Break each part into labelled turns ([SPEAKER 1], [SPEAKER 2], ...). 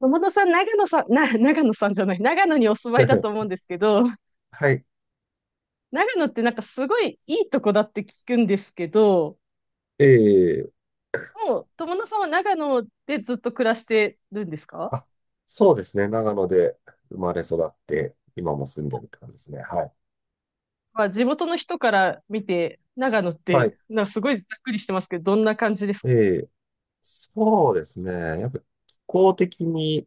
[SPEAKER 1] 友野さん、長野さん、長野さんじゃない、長野にお住まいだと思うん ですけど、
[SPEAKER 2] はい。
[SPEAKER 1] 長野ってすごいいいとこだって聞くんですけど、
[SPEAKER 2] ええ
[SPEAKER 1] もう友野さんは長野でずっと暮らしてるんですか？
[SPEAKER 2] あ、そうですね。長野で生まれ育って、今も住んでるって感じですね。はい。
[SPEAKER 1] まあ、地元の人から見て、長野っ
[SPEAKER 2] はい。
[SPEAKER 1] て、すごいざっくりしてますけど、どんな感じですか？
[SPEAKER 2] ええそうですね。やっぱ気候的に、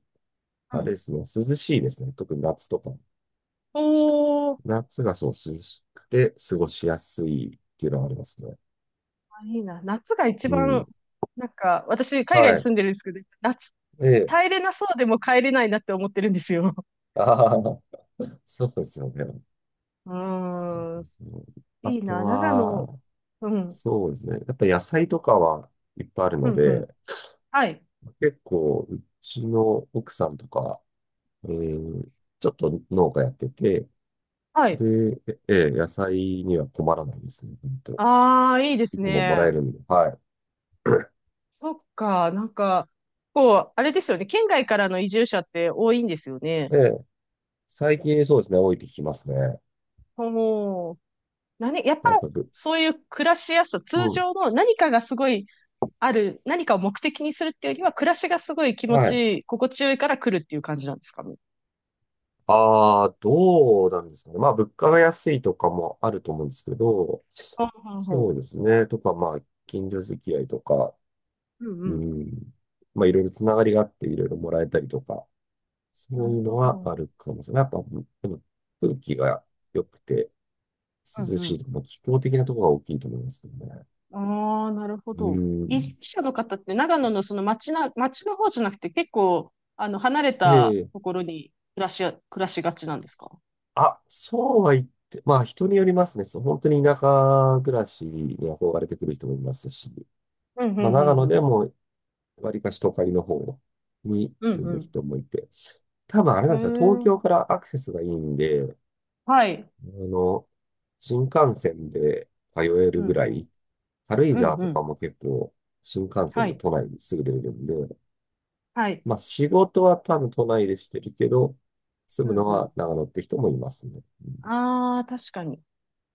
[SPEAKER 1] う
[SPEAKER 2] あれで
[SPEAKER 1] ん。
[SPEAKER 2] すね、涼しいですね。特に夏とか。
[SPEAKER 1] おー、
[SPEAKER 2] 夏がそう涼しくて過ごしやすいっていうのはありますね。
[SPEAKER 1] あ、いいな。夏が一
[SPEAKER 2] う
[SPEAKER 1] 番、
[SPEAKER 2] ん。
[SPEAKER 1] 私、海外
[SPEAKER 2] は
[SPEAKER 1] に
[SPEAKER 2] い。
[SPEAKER 1] 住んでるんですけど、夏、
[SPEAKER 2] ええ
[SPEAKER 1] 耐えれなそうでも帰れないなって思ってるんですよ。
[SPEAKER 2] ああー、そうですよね。
[SPEAKER 1] う
[SPEAKER 2] そう
[SPEAKER 1] ー
[SPEAKER 2] そう
[SPEAKER 1] ん、
[SPEAKER 2] そう。あ
[SPEAKER 1] いい
[SPEAKER 2] と
[SPEAKER 1] な、長野。
[SPEAKER 2] は、
[SPEAKER 1] うん。
[SPEAKER 2] そうですね。やっぱ野菜とかはいっぱいある
[SPEAKER 1] う
[SPEAKER 2] の
[SPEAKER 1] んう
[SPEAKER 2] で、
[SPEAKER 1] ん。はい。
[SPEAKER 2] 結構、うちの奥さんとか、えーちょっと農家やってて、
[SPEAKER 1] はい。
[SPEAKER 2] で、ええ、野菜には困らないですね、本当。
[SPEAKER 1] ああ、いいで
[SPEAKER 2] い
[SPEAKER 1] す
[SPEAKER 2] つももら
[SPEAKER 1] ね。
[SPEAKER 2] えるんで、は
[SPEAKER 1] そっか。あれですよね。県外からの移住者って多いんですよね。
[SPEAKER 2] い。ええ、最近そうですね、多いって聞きますね。
[SPEAKER 1] おー。何、やっぱ、
[SPEAKER 2] やっぱぶ、
[SPEAKER 1] そういう暮らしやすさ、通
[SPEAKER 2] うん。
[SPEAKER 1] 常の何かがすごい何かを目的にするっていうよりは、暮らしがすごい気持
[SPEAKER 2] は
[SPEAKER 1] ち
[SPEAKER 2] い。
[SPEAKER 1] いい、心地よいから来るっていう感じなんですかね。
[SPEAKER 2] ああ、どうなんですかね。まあ、物価が安いとかもあると思うんですけど、
[SPEAKER 1] ほうほう
[SPEAKER 2] そ
[SPEAKER 1] ほ
[SPEAKER 2] うですね。とか、まあ、近所付き合いとか、
[SPEAKER 1] う。うん
[SPEAKER 2] う
[SPEAKER 1] うん。
[SPEAKER 2] ん。まあ、いろいろつながりがあって、いろいろもらえたりとか、そ
[SPEAKER 1] な
[SPEAKER 2] う
[SPEAKER 1] る
[SPEAKER 2] いう
[SPEAKER 1] ほ
[SPEAKER 2] のは
[SPEAKER 1] ど。
[SPEAKER 2] あるかもしれない。やっぱ、でも空気が良くて
[SPEAKER 1] うん
[SPEAKER 2] 涼
[SPEAKER 1] う
[SPEAKER 2] しい
[SPEAKER 1] ん。
[SPEAKER 2] とか、まあ気候的なところが大きいと思いますけどね。
[SPEAKER 1] ああ、なるほ
[SPEAKER 2] う
[SPEAKER 1] ど。
[SPEAKER 2] ー
[SPEAKER 1] 意
[SPEAKER 2] ん。
[SPEAKER 1] 識者の方って長野の町の方じゃなくて結構、離れた
[SPEAKER 2] で、
[SPEAKER 1] ところに暮らしがちなんですか？
[SPEAKER 2] あ、そうは言って、まあ人によりますね。そう本当に田舎暮らしに憧れてくる人もいますし、
[SPEAKER 1] うん、う
[SPEAKER 2] まあ
[SPEAKER 1] ん、う
[SPEAKER 2] 長野
[SPEAKER 1] ん、う
[SPEAKER 2] で
[SPEAKER 1] ん。
[SPEAKER 2] も割かし都会の方に住む
[SPEAKER 1] う
[SPEAKER 2] 人もいて、多分あれなんですよ。東
[SPEAKER 1] ん、うん、へえ、
[SPEAKER 2] 京からアクセスがいいんで、
[SPEAKER 1] はい。
[SPEAKER 2] あの、新幹線で通え
[SPEAKER 1] う
[SPEAKER 2] る
[SPEAKER 1] ん
[SPEAKER 2] ぐら
[SPEAKER 1] うん。
[SPEAKER 2] い、軽井
[SPEAKER 1] う
[SPEAKER 2] 沢
[SPEAKER 1] んう
[SPEAKER 2] とか
[SPEAKER 1] ん。
[SPEAKER 2] も結構新幹
[SPEAKER 1] は
[SPEAKER 2] 線で
[SPEAKER 1] い。
[SPEAKER 2] 都内にすぐ出れるんで、
[SPEAKER 1] はい。
[SPEAKER 2] まあ仕事は多分都内でしてるけど、住
[SPEAKER 1] う
[SPEAKER 2] む
[SPEAKER 1] ん
[SPEAKER 2] の
[SPEAKER 1] うん。
[SPEAKER 2] は長野って人もいますね。
[SPEAKER 1] ああ、確かに。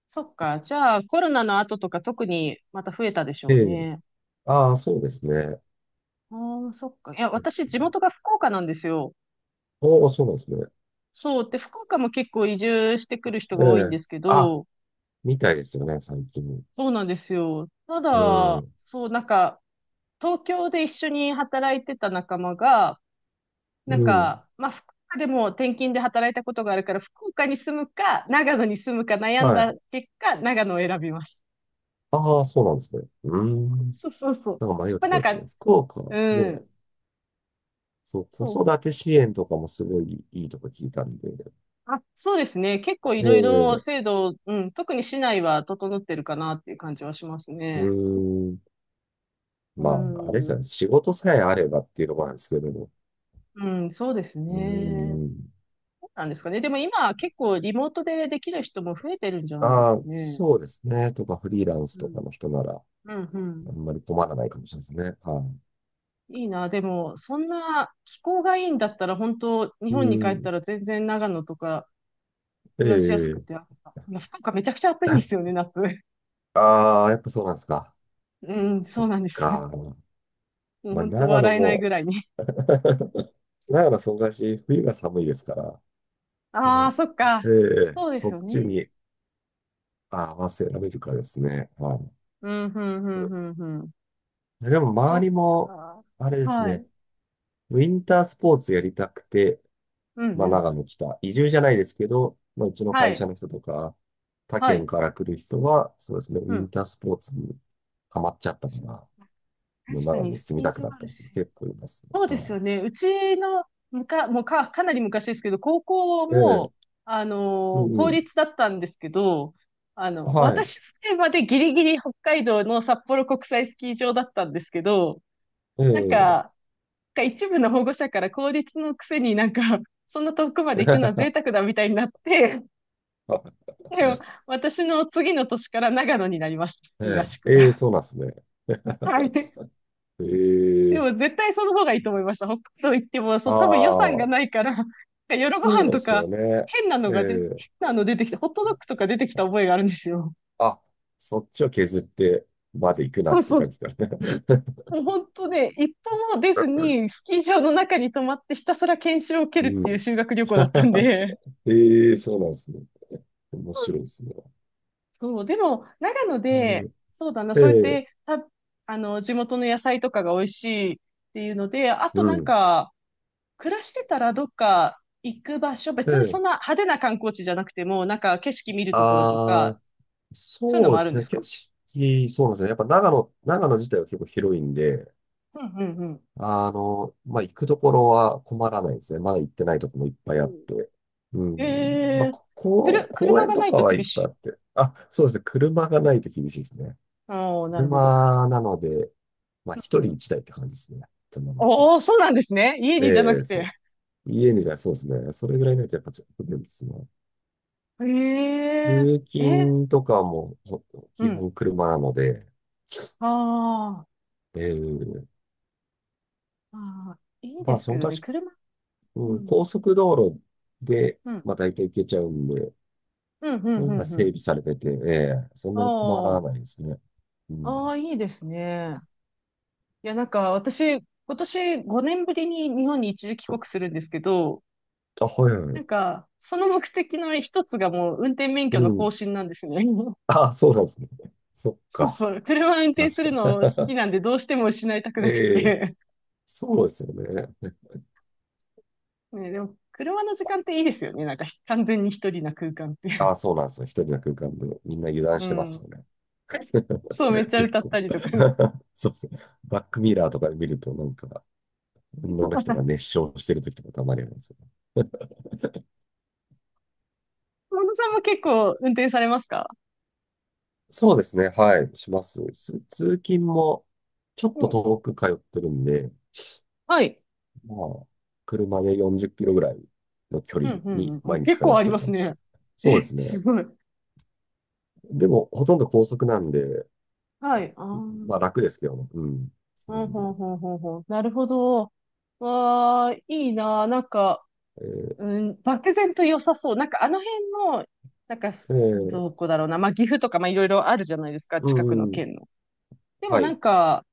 [SPEAKER 1] そっか。じゃあ、コロナの後とか特にまた増えたでし
[SPEAKER 2] え
[SPEAKER 1] ょう
[SPEAKER 2] え。
[SPEAKER 1] ね。
[SPEAKER 2] ああ、そうですね。
[SPEAKER 1] ああ、そっか。いや、私、地元が福岡なんですよ。
[SPEAKER 2] おお、そうなんですね。
[SPEAKER 1] そう。で、福岡も結構移住してくる人
[SPEAKER 2] え
[SPEAKER 1] が多いん
[SPEAKER 2] え。
[SPEAKER 1] ですけ
[SPEAKER 2] あ、
[SPEAKER 1] ど、
[SPEAKER 2] みたいですよね、最近。
[SPEAKER 1] そうなんですよ。た
[SPEAKER 2] う
[SPEAKER 1] だ、
[SPEAKER 2] ん。
[SPEAKER 1] 東京で一緒に働いてた仲間が、
[SPEAKER 2] うん。
[SPEAKER 1] 福岡でも転勤で働いたことがあるから、福岡に住むか、長野に住むか悩ん
[SPEAKER 2] は
[SPEAKER 1] だ
[SPEAKER 2] い。
[SPEAKER 1] 結果、長野を選びました。
[SPEAKER 2] ああ、そうなんですね。うーん。
[SPEAKER 1] そうそうそう。
[SPEAKER 2] なんか迷う
[SPEAKER 1] まあ、
[SPEAKER 2] とこ
[SPEAKER 1] なん
[SPEAKER 2] です
[SPEAKER 1] か、
[SPEAKER 2] ね。福岡ね、
[SPEAKER 1] うん、
[SPEAKER 2] そう、子
[SPEAKER 1] そう。
[SPEAKER 2] 育て支援とかもすごいいいとこ聞いたんで。
[SPEAKER 1] あ、そうですね。結構い
[SPEAKER 2] ええ。
[SPEAKER 1] ろいろ
[SPEAKER 2] う
[SPEAKER 1] 制度、うん、特に市内は整ってるかなっていう感じはします
[SPEAKER 2] ー
[SPEAKER 1] ね。
[SPEAKER 2] ん。
[SPEAKER 1] う
[SPEAKER 2] まあ、あれです
[SPEAKER 1] ん、
[SPEAKER 2] よね。仕事さえあればっていうところなんですけども。
[SPEAKER 1] うん、そうです
[SPEAKER 2] う
[SPEAKER 1] ね。
[SPEAKER 2] ーん。
[SPEAKER 1] なんですかね。でも今結構リモートでできる人も増えてるんじゃないです
[SPEAKER 2] あ
[SPEAKER 1] か
[SPEAKER 2] あ、
[SPEAKER 1] ね。
[SPEAKER 2] そうですね。とか、フリーランス
[SPEAKER 1] う
[SPEAKER 2] と
[SPEAKER 1] ん。
[SPEAKER 2] かの人なら、
[SPEAKER 1] うん、う
[SPEAKER 2] あん
[SPEAKER 1] ん。
[SPEAKER 2] まり困らないかもしれないですね。は
[SPEAKER 1] いいな。でも、そんな気候がいいんだったら、本当日
[SPEAKER 2] い。う
[SPEAKER 1] 本に帰った
[SPEAKER 2] ん。
[SPEAKER 1] ら全然長野とか
[SPEAKER 2] え
[SPEAKER 1] 暮らしやすく
[SPEAKER 2] え
[SPEAKER 1] て、あ、いや福岡めちゃくちゃ暑いんですよね、夏。
[SPEAKER 2] ああ、やっぱそうなんですか。
[SPEAKER 1] うん、
[SPEAKER 2] そ
[SPEAKER 1] そう
[SPEAKER 2] っ
[SPEAKER 1] なんですよ。
[SPEAKER 2] か。
[SPEAKER 1] もう
[SPEAKER 2] まあ、
[SPEAKER 1] 本当
[SPEAKER 2] 長野
[SPEAKER 1] 笑えないぐ
[SPEAKER 2] も、
[SPEAKER 1] らいに。
[SPEAKER 2] 長野そんなし、冬が寒いですから、そ
[SPEAKER 1] ああ、
[SPEAKER 2] の
[SPEAKER 1] そっか。
[SPEAKER 2] ええ
[SPEAKER 1] そうで
[SPEAKER 2] そ
[SPEAKER 1] す
[SPEAKER 2] っ
[SPEAKER 1] よ
[SPEAKER 2] ち
[SPEAKER 1] ね。
[SPEAKER 2] に合わせられるかですね。はい。
[SPEAKER 1] うん、うん、う
[SPEAKER 2] うん
[SPEAKER 1] ん、うん、うん。
[SPEAKER 2] でも、
[SPEAKER 1] そ
[SPEAKER 2] 周
[SPEAKER 1] っ
[SPEAKER 2] りも、
[SPEAKER 1] か。
[SPEAKER 2] あれです
[SPEAKER 1] は
[SPEAKER 2] ね。
[SPEAKER 1] い。
[SPEAKER 2] ウィンタースポーツやりたくて、
[SPEAKER 1] うん、
[SPEAKER 2] ま
[SPEAKER 1] う
[SPEAKER 2] あ、長
[SPEAKER 1] ん。
[SPEAKER 2] 野来た。移住じゃないですけど、まあ、うちの
[SPEAKER 1] は
[SPEAKER 2] 会社
[SPEAKER 1] い。
[SPEAKER 2] の人とか、他
[SPEAKER 1] は
[SPEAKER 2] 県
[SPEAKER 1] い。
[SPEAKER 2] から来る人は、そうですね、ウ
[SPEAKER 1] う
[SPEAKER 2] ィン
[SPEAKER 1] ん。
[SPEAKER 2] タースポーツにハマっちゃったから、もう
[SPEAKER 1] 確か
[SPEAKER 2] 長野
[SPEAKER 1] に
[SPEAKER 2] に
[SPEAKER 1] ス
[SPEAKER 2] 住み
[SPEAKER 1] キー
[SPEAKER 2] たく
[SPEAKER 1] 場
[SPEAKER 2] なっ
[SPEAKER 1] あ
[SPEAKER 2] た
[SPEAKER 1] る
[SPEAKER 2] 人
[SPEAKER 1] し。
[SPEAKER 2] 結構いますね。
[SPEAKER 1] そうです
[SPEAKER 2] は
[SPEAKER 1] よね。うちのむか、もうか、かなり昔ですけど、高校
[SPEAKER 2] い。え
[SPEAKER 1] も、
[SPEAKER 2] え、うんう
[SPEAKER 1] 公
[SPEAKER 2] ん。
[SPEAKER 1] 立だったんですけど、
[SPEAKER 2] はい。
[SPEAKER 1] 私のまでギリギリ北海道の札幌国際スキー場だったんですけど、
[SPEAKER 2] え
[SPEAKER 1] なんか、
[SPEAKER 2] え、
[SPEAKER 1] なんか一部の保護者から公立のくせになんか、そんな遠くまで行くのは贅沢だみたいになって、でも私の次の年から長野になりました、ス
[SPEAKER 2] え
[SPEAKER 1] キー合宿
[SPEAKER 2] え、ええ、
[SPEAKER 1] が。
[SPEAKER 2] そうなんですね。
[SPEAKER 1] はい。
[SPEAKER 2] え
[SPEAKER 1] で
[SPEAKER 2] え、
[SPEAKER 1] も絶対その方がいいと思いました。北海道行っても、そ
[SPEAKER 2] あ
[SPEAKER 1] う、多分予算がな
[SPEAKER 2] あ、
[SPEAKER 1] いから、夜ご
[SPEAKER 2] そ
[SPEAKER 1] 飯
[SPEAKER 2] うで
[SPEAKER 1] と
[SPEAKER 2] すよ
[SPEAKER 1] か、
[SPEAKER 2] ね。え
[SPEAKER 1] 変
[SPEAKER 2] え、
[SPEAKER 1] なの出てきて、ホットドッグとか出てきた覚えがあるんですよ。
[SPEAKER 2] あ、そっちを削ってまで行くな
[SPEAKER 1] そう
[SPEAKER 2] ってい
[SPEAKER 1] そ
[SPEAKER 2] う感
[SPEAKER 1] う。
[SPEAKER 2] じですかね。
[SPEAKER 1] もう本当ね、一歩も出ず に、スキー場の中に泊まってひたすら研修を受け
[SPEAKER 2] う
[SPEAKER 1] るっていう
[SPEAKER 2] ん。
[SPEAKER 1] 修学旅行だったん で。
[SPEAKER 2] ええそうなんですね。面白いですね。
[SPEAKER 1] そう、でも、長野で、そうだな、
[SPEAKER 2] ええ
[SPEAKER 1] そうやっ
[SPEAKER 2] え
[SPEAKER 1] て、
[SPEAKER 2] え
[SPEAKER 1] た、あの、地元の野菜とかが美味しいっていうので、あ
[SPEAKER 2] う
[SPEAKER 1] と
[SPEAKER 2] ん。
[SPEAKER 1] 暮らしてたらどっか行く場所、別に
[SPEAKER 2] え
[SPEAKER 1] そんな
[SPEAKER 2] え
[SPEAKER 1] 派手な観光地じゃなくても、なんか景色見るところと
[SPEAKER 2] ああ
[SPEAKER 1] か、そういうの
[SPEAKER 2] そう
[SPEAKER 1] も
[SPEAKER 2] で
[SPEAKER 1] ある
[SPEAKER 2] す
[SPEAKER 1] んで
[SPEAKER 2] ね。
[SPEAKER 1] す
[SPEAKER 2] 景
[SPEAKER 1] か？
[SPEAKER 2] 色、そうですね。やっぱ長野、長野自体は結構広いんで、
[SPEAKER 1] うんうんう
[SPEAKER 2] あの、まあ、行くところは困らないですね。まだ行ってないところもいっぱ
[SPEAKER 1] ん。
[SPEAKER 2] いあっ
[SPEAKER 1] ん。
[SPEAKER 2] て。う
[SPEAKER 1] え
[SPEAKER 2] ん。まあ、
[SPEAKER 1] えー、
[SPEAKER 2] ここ、公
[SPEAKER 1] 車
[SPEAKER 2] 園
[SPEAKER 1] が
[SPEAKER 2] と
[SPEAKER 1] ない
[SPEAKER 2] か
[SPEAKER 1] と
[SPEAKER 2] はい
[SPEAKER 1] 厳
[SPEAKER 2] っぱ
[SPEAKER 1] し
[SPEAKER 2] いあ
[SPEAKER 1] い。
[SPEAKER 2] って。あ、そうですね。車がないと厳しいですね。
[SPEAKER 1] おー、なるほど。
[SPEAKER 2] 車なので、まあ、
[SPEAKER 1] う
[SPEAKER 2] 一
[SPEAKER 1] んう
[SPEAKER 2] 人
[SPEAKER 1] ん。
[SPEAKER 2] 一台って感じですね。車だったら
[SPEAKER 1] おー、そうなんですね。家にじゃな
[SPEAKER 2] え
[SPEAKER 1] く
[SPEAKER 2] えそ
[SPEAKER 1] て。
[SPEAKER 2] う家にじゃそうですね。それぐらいないとやっぱちょっと不便ですね。
[SPEAKER 1] ええ
[SPEAKER 2] 通
[SPEAKER 1] ー、え、
[SPEAKER 2] 勤とかも
[SPEAKER 1] う
[SPEAKER 2] 基
[SPEAKER 1] ん。
[SPEAKER 2] 本車なので、
[SPEAKER 1] あー、
[SPEAKER 2] えー、
[SPEAKER 1] あー、いい
[SPEAKER 2] ま
[SPEAKER 1] で
[SPEAKER 2] あ、
[SPEAKER 1] す
[SPEAKER 2] そ
[SPEAKER 1] け
[SPEAKER 2] の
[SPEAKER 1] ど
[SPEAKER 2] か
[SPEAKER 1] ね、
[SPEAKER 2] し、
[SPEAKER 1] 車。う
[SPEAKER 2] うん、
[SPEAKER 1] ん。
[SPEAKER 2] 高速道路で、
[SPEAKER 1] うん。
[SPEAKER 2] まあ、大体行けちゃうんで、
[SPEAKER 1] うん、う
[SPEAKER 2] そ
[SPEAKER 1] ん、
[SPEAKER 2] ういう
[SPEAKER 1] う
[SPEAKER 2] のが
[SPEAKER 1] ん、う
[SPEAKER 2] 整
[SPEAKER 1] ん。
[SPEAKER 2] 備されてて、ええそんなに困ら
[SPEAKER 1] あ
[SPEAKER 2] ないですね。う
[SPEAKER 1] あ、あ
[SPEAKER 2] ん。
[SPEAKER 1] あ、いいですね。いや、なんか私、今年5年ぶりに日本に一時帰国するんですけど、
[SPEAKER 2] あ、はいは
[SPEAKER 1] な
[SPEAKER 2] い。
[SPEAKER 1] んか、その目的の一つがもう運転免
[SPEAKER 2] う
[SPEAKER 1] 許の更
[SPEAKER 2] ん。
[SPEAKER 1] 新なんですね。
[SPEAKER 2] あ、そうなんですね。そっ
[SPEAKER 1] そう
[SPEAKER 2] か。
[SPEAKER 1] そう。車運転す
[SPEAKER 2] 確
[SPEAKER 1] る
[SPEAKER 2] か。
[SPEAKER 1] の好きなんでどうしても失いたく
[SPEAKER 2] え
[SPEAKER 1] なく
[SPEAKER 2] え
[SPEAKER 1] て。
[SPEAKER 2] そうですよね。
[SPEAKER 1] ね、でも、車の時間っていいですよね。なんかひ完全に一人な空間って。
[SPEAKER 2] あ、そうなんですよ。一人の空間でみんな油 断
[SPEAKER 1] う
[SPEAKER 2] してます
[SPEAKER 1] ん。
[SPEAKER 2] よね。
[SPEAKER 1] そう、めっちゃ
[SPEAKER 2] 結
[SPEAKER 1] 歌った
[SPEAKER 2] 構
[SPEAKER 1] りとかね。
[SPEAKER 2] そうそう。バックミラーとかで見ると、なんか、女の人が 熱唱してる時とかたまにありますよね。
[SPEAKER 1] 小野さんも結構運転されますか？
[SPEAKER 2] そうですね。はい。します。通勤も、ちょっ
[SPEAKER 1] う
[SPEAKER 2] と
[SPEAKER 1] ん。
[SPEAKER 2] 遠く通ってるんで、
[SPEAKER 1] はい。
[SPEAKER 2] まあ、車で40キロぐらいの距
[SPEAKER 1] う
[SPEAKER 2] 離
[SPEAKER 1] ん、うん、
[SPEAKER 2] に
[SPEAKER 1] うん。お、
[SPEAKER 2] 毎日
[SPEAKER 1] 結
[SPEAKER 2] 通
[SPEAKER 1] 構
[SPEAKER 2] っ
[SPEAKER 1] あり
[SPEAKER 2] て
[SPEAKER 1] ま
[SPEAKER 2] る
[SPEAKER 1] す
[SPEAKER 2] 感じで
[SPEAKER 1] ね。
[SPEAKER 2] す。そうで
[SPEAKER 1] え、
[SPEAKER 2] す
[SPEAKER 1] す
[SPEAKER 2] ね。
[SPEAKER 1] ごい。
[SPEAKER 2] でも、ほとんど高速なんで、
[SPEAKER 1] はい。あ
[SPEAKER 2] まあ
[SPEAKER 1] あ。
[SPEAKER 2] 楽ですけどね。うん。そ
[SPEAKER 1] う
[SPEAKER 2] ういう意
[SPEAKER 1] ん、
[SPEAKER 2] 味では
[SPEAKER 1] ほんほんほんほん。なるほど。わあ、いいなあ。
[SPEAKER 2] え
[SPEAKER 1] うん、漠然と良さそう。なんかあの辺の、
[SPEAKER 2] ーえ
[SPEAKER 1] ど
[SPEAKER 2] ー
[SPEAKER 1] こだろうな。まあ、岐阜とか、まあ、いろいろあるじゃないですか。
[SPEAKER 2] う
[SPEAKER 1] 近くの
[SPEAKER 2] んうん。
[SPEAKER 1] 県の。でも
[SPEAKER 2] は
[SPEAKER 1] な
[SPEAKER 2] い。
[SPEAKER 1] んか、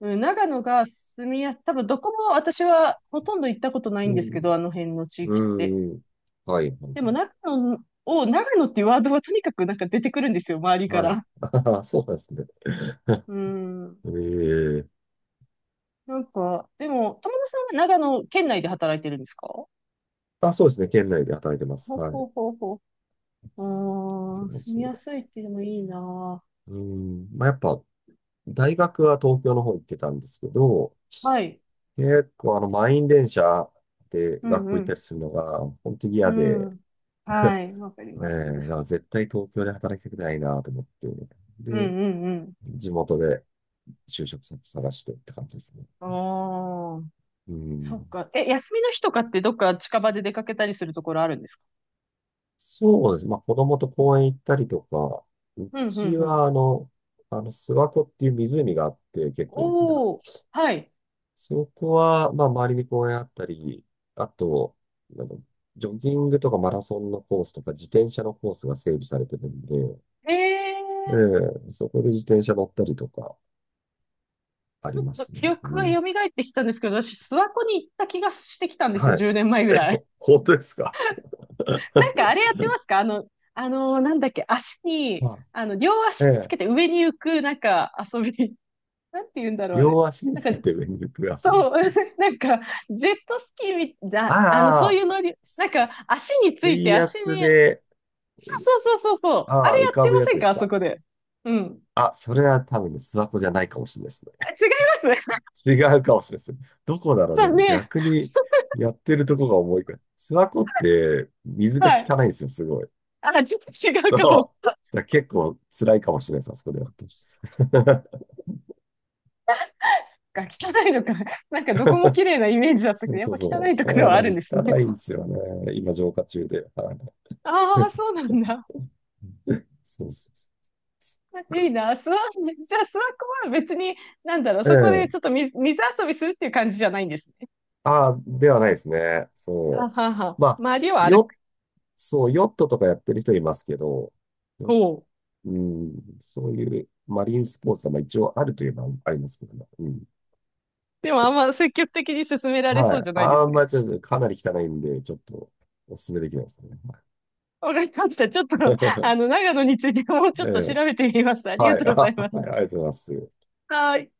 [SPEAKER 1] うん、長野が住みやす、多分どこも私はほとんど行ったことないん
[SPEAKER 2] う
[SPEAKER 1] ですけ
[SPEAKER 2] ん。
[SPEAKER 1] ど、あの辺の地
[SPEAKER 2] う
[SPEAKER 1] 域って。
[SPEAKER 2] んうん。はい。は
[SPEAKER 1] でも
[SPEAKER 2] い
[SPEAKER 1] 長野っていうワードはとにかくなんか出てくるんですよ、周りか
[SPEAKER 2] はい。
[SPEAKER 1] ら。
[SPEAKER 2] ああ、そうなんですね。
[SPEAKER 1] うん。
[SPEAKER 2] ええ
[SPEAKER 1] なんか、でも、友野さんは長野県内で働いてるんですか？ほ
[SPEAKER 2] あ、そうですね。県内で働いてます。
[SPEAKER 1] う
[SPEAKER 2] は
[SPEAKER 1] ほ
[SPEAKER 2] い。
[SPEAKER 1] うほうほう。ああ、住
[SPEAKER 2] そ
[SPEAKER 1] みや
[SPEAKER 2] う。
[SPEAKER 1] すいってでもいいな。
[SPEAKER 2] うん。まあ、やっぱ、大学は東京の方行ってたんですけど、
[SPEAKER 1] はい。
[SPEAKER 2] 結構あの、満員電車で
[SPEAKER 1] うん
[SPEAKER 2] 学校
[SPEAKER 1] う
[SPEAKER 2] 行ったり
[SPEAKER 1] ん。
[SPEAKER 2] するのが、本当に
[SPEAKER 1] う
[SPEAKER 2] 嫌で、
[SPEAKER 1] ん。はい。わかり
[SPEAKER 2] え
[SPEAKER 1] ます。う
[SPEAKER 2] え
[SPEAKER 1] ん
[SPEAKER 2] だから絶対東京で働きたくないなと思って、
[SPEAKER 1] う
[SPEAKER 2] で、
[SPEAKER 1] ん
[SPEAKER 2] 地元で就職先探してって感じですね。
[SPEAKER 1] うん。ああ、
[SPEAKER 2] う
[SPEAKER 1] そ
[SPEAKER 2] ん。
[SPEAKER 1] っか。え、休みの日とかってどっか近場で出かけたりするところあるんですか？
[SPEAKER 2] そうです。まあ、子供と公園行ったりとか、う
[SPEAKER 1] うんうん
[SPEAKER 2] ち
[SPEAKER 1] うん。
[SPEAKER 2] は、あの、諏訪湖っていう湖があって、結構大きな。
[SPEAKER 1] おお、はい。
[SPEAKER 2] そこは、まあ、周りに公園あったり、あと、なんか、ジョギングとかマラソンのコースとか、自転車のコースが整備されてるんで、え
[SPEAKER 1] ええ、
[SPEAKER 2] えそこで自転車乗ったりとか、あ
[SPEAKER 1] ち
[SPEAKER 2] り
[SPEAKER 1] ょっ
[SPEAKER 2] ま
[SPEAKER 1] と
[SPEAKER 2] すね。
[SPEAKER 1] 記憶
[SPEAKER 2] う
[SPEAKER 1] が蘇
[SPEAKER 2] ん。
[SPEAKER 1] ってきたんですけど、私、諏訪湖に行った気がしてきたんですよ、
[SPEAKER 2] はい。
[SPEAKER 1] 10年前ぐらい。
[SPEAKER 2] 本当ですか
[SPEAKER 1] なんかあれやってますか？あのなんだっけ、足に、
[SPEAKER 2] は
[SPEAKER 1] あの、両足につ
[SPEAKER 2] い。え
[SPEAKER 1] けて
[SPEAKER 2] え
[SPEAKER 1] 上に浮く、なんか遊び、なんて言うんだろう、あれ。
[SPEAKER 2] 両足につ
[SPEAKER 1] な
[SPEAKER 2] け
[SPEAKER 1] んか、
[SPEAKER 2] て上に浮く遊び。
[SPEAKER 1] そう、なんか、ジェットスキーみだ、あの、そう
[SPEAKER 2] あ
[SPEAKER 1] いう
[SPEAKER 2] あ、
[SPEAKER 1] 乗り、なんか、足について、
[SPEAKER 2] 水
[SPEAKER 1] 足
[SPEAKER 2] 圧
[SPEAKER 1] に、
[SPEAKER 2] で、
[SPEAKER 1] そうそうそうそう、そう、あ
[SPEAKER 2] あ
[SPEAKER 1] れ
[SPEAKER 2] あ、
[SPEAKER 1] や
[SPEAKER 2] 浮
[SPEAKER 1] っ
[SPEAKER 2] か
[SPEAKER 1] て
[SPEAKER 2] ぶ
[SPEAKER 1] ま
[SPEAKER 2] やつ
[SPEAKER 1] せん
[SPEAKER 2] で
[SPEAKER 1] か、
[SPEAKER 2] す
[SPEAKER 1] あそ
[SPEAKER 2] か。
[SPEAKER 1] こで。うん。
[SPEAKER 2] あ、それは多分ね、諏訪湖じゃないかもしれないですね。
[SPEAKER 1] あ、違います。
[SPEAKER 2] 違うかもしれないですね。どこだ ろう、で
[SPEAKER 1] 残
[SPEAKER 2] も
[SPEAKER 1] 念。
[SPEAKER 2] 逆にやってるとこが重いから。諏訪湖って水が
[SPEAKER 1] はい。
[SPEAKER 2] 汚いんですよ、すごい。
[SPEAKER 1] あ、ちょっと違う
[SPEAKER 2] そ
[SPEAKER 1] かも。
[SPEAKER 2] う。だから結構辛いかもしれないです、あそこでやると。
[SPEAKER 1] そ っか、汚いのか。なんかどこも綺麗なイメージだった
[SPEAKER 2] そ
[SPEAKER 1] けど、
[SPEAKER 2] う
[SPEAKER 1] やっ
[SPEAKER 2] そ
[SPEAKER 1] ぱ
[SPEAKER 2] う
[SPEAKER 1] 汚
[SPEAKER 2] そ
[SPEAKER 1] い
[SPEAKER 2] う。
[SPEAKER 1] ところ
[SPEAKER 2] そう
[SPEAKER 1] は
[SPEAKER 2] な
[SPEAKER 1] あ
[SPEAKER 2] ん
[SPEAKER 1] るん
[SPEAKER 2] で
[SPEAKER 1] で
[SPEAKER 2] す。
[SPEAKER 1] すね。
[SPEAKER 2] 汚いんですよね。今、浄化中で。はい
[SPEAKER 1] ああ、そうなん だ。
[SPEAKER 2] そうそうそ
[SPEAKER 1] いいな。じゃあスワコは別に、なんだろう、
[SPEAKER 2] う。う
[SPEAKER 1] そこでち
[SPEAKER 2] ん。
[SPEAKER 1] ょっと水、水遊びするっていう感じじゃないんです。
[SPEAKER 2] ああ、ではないですね。
[SPEAKER 1] あ
[SPEAKER 2] そう。
[SPEAKER 1] はは。
[SPEAKER 2] まあ、
[SPEAKER 1] 周りを歩
[SPEAKER 2] ヨ
[SPEAKER 1] く。
[SPEAKER 2] ッ、そう、ヨットとかやってる人いますけど、う
[SPEAKER 1] ほう。
[SPEAKER 2] うん、そういうマリンスポーツはまあ一応あるといえばありますけどね。うん。
[SPEAKER 1] でもあんま積極的に進められ
[SPEAKER 2] は
[SPEAKER 1] そうじ
[SPEAKER 2] い。
[SPEAKER 1] ゃないで
[SPEAKER 2] あ
[SPEAKER 1] す
[SPEAKER 2] ん
[SPEAKER 1] ね。
[SPEAKER 2] まりちょっとかなり汚いんで、ちょっとお勧めできないですね。
[SPEAKER 1] わかりました。ちょっと、あ の、長野についてもうちょ
[SPEAKER 2] え
[SPEAKER 1] っと調
[SPEAKER 2] え
[SPEAKER 1] べてみます。ありが
[SPEAKER 2] は
[SPEAKER 1] と
[SPEAKER 2] い。
[SPEAKER 1] う
[SPEAKER 2] あ
[SPEAKER 1] ござ
[SPEAKER 2] は
[SPEAKER 1] いま
[SPEAKER 2] い
[SPEAKER 1] す。
[SPEAKER 2] ありがとうございます。
[SPEAKER 1] はい。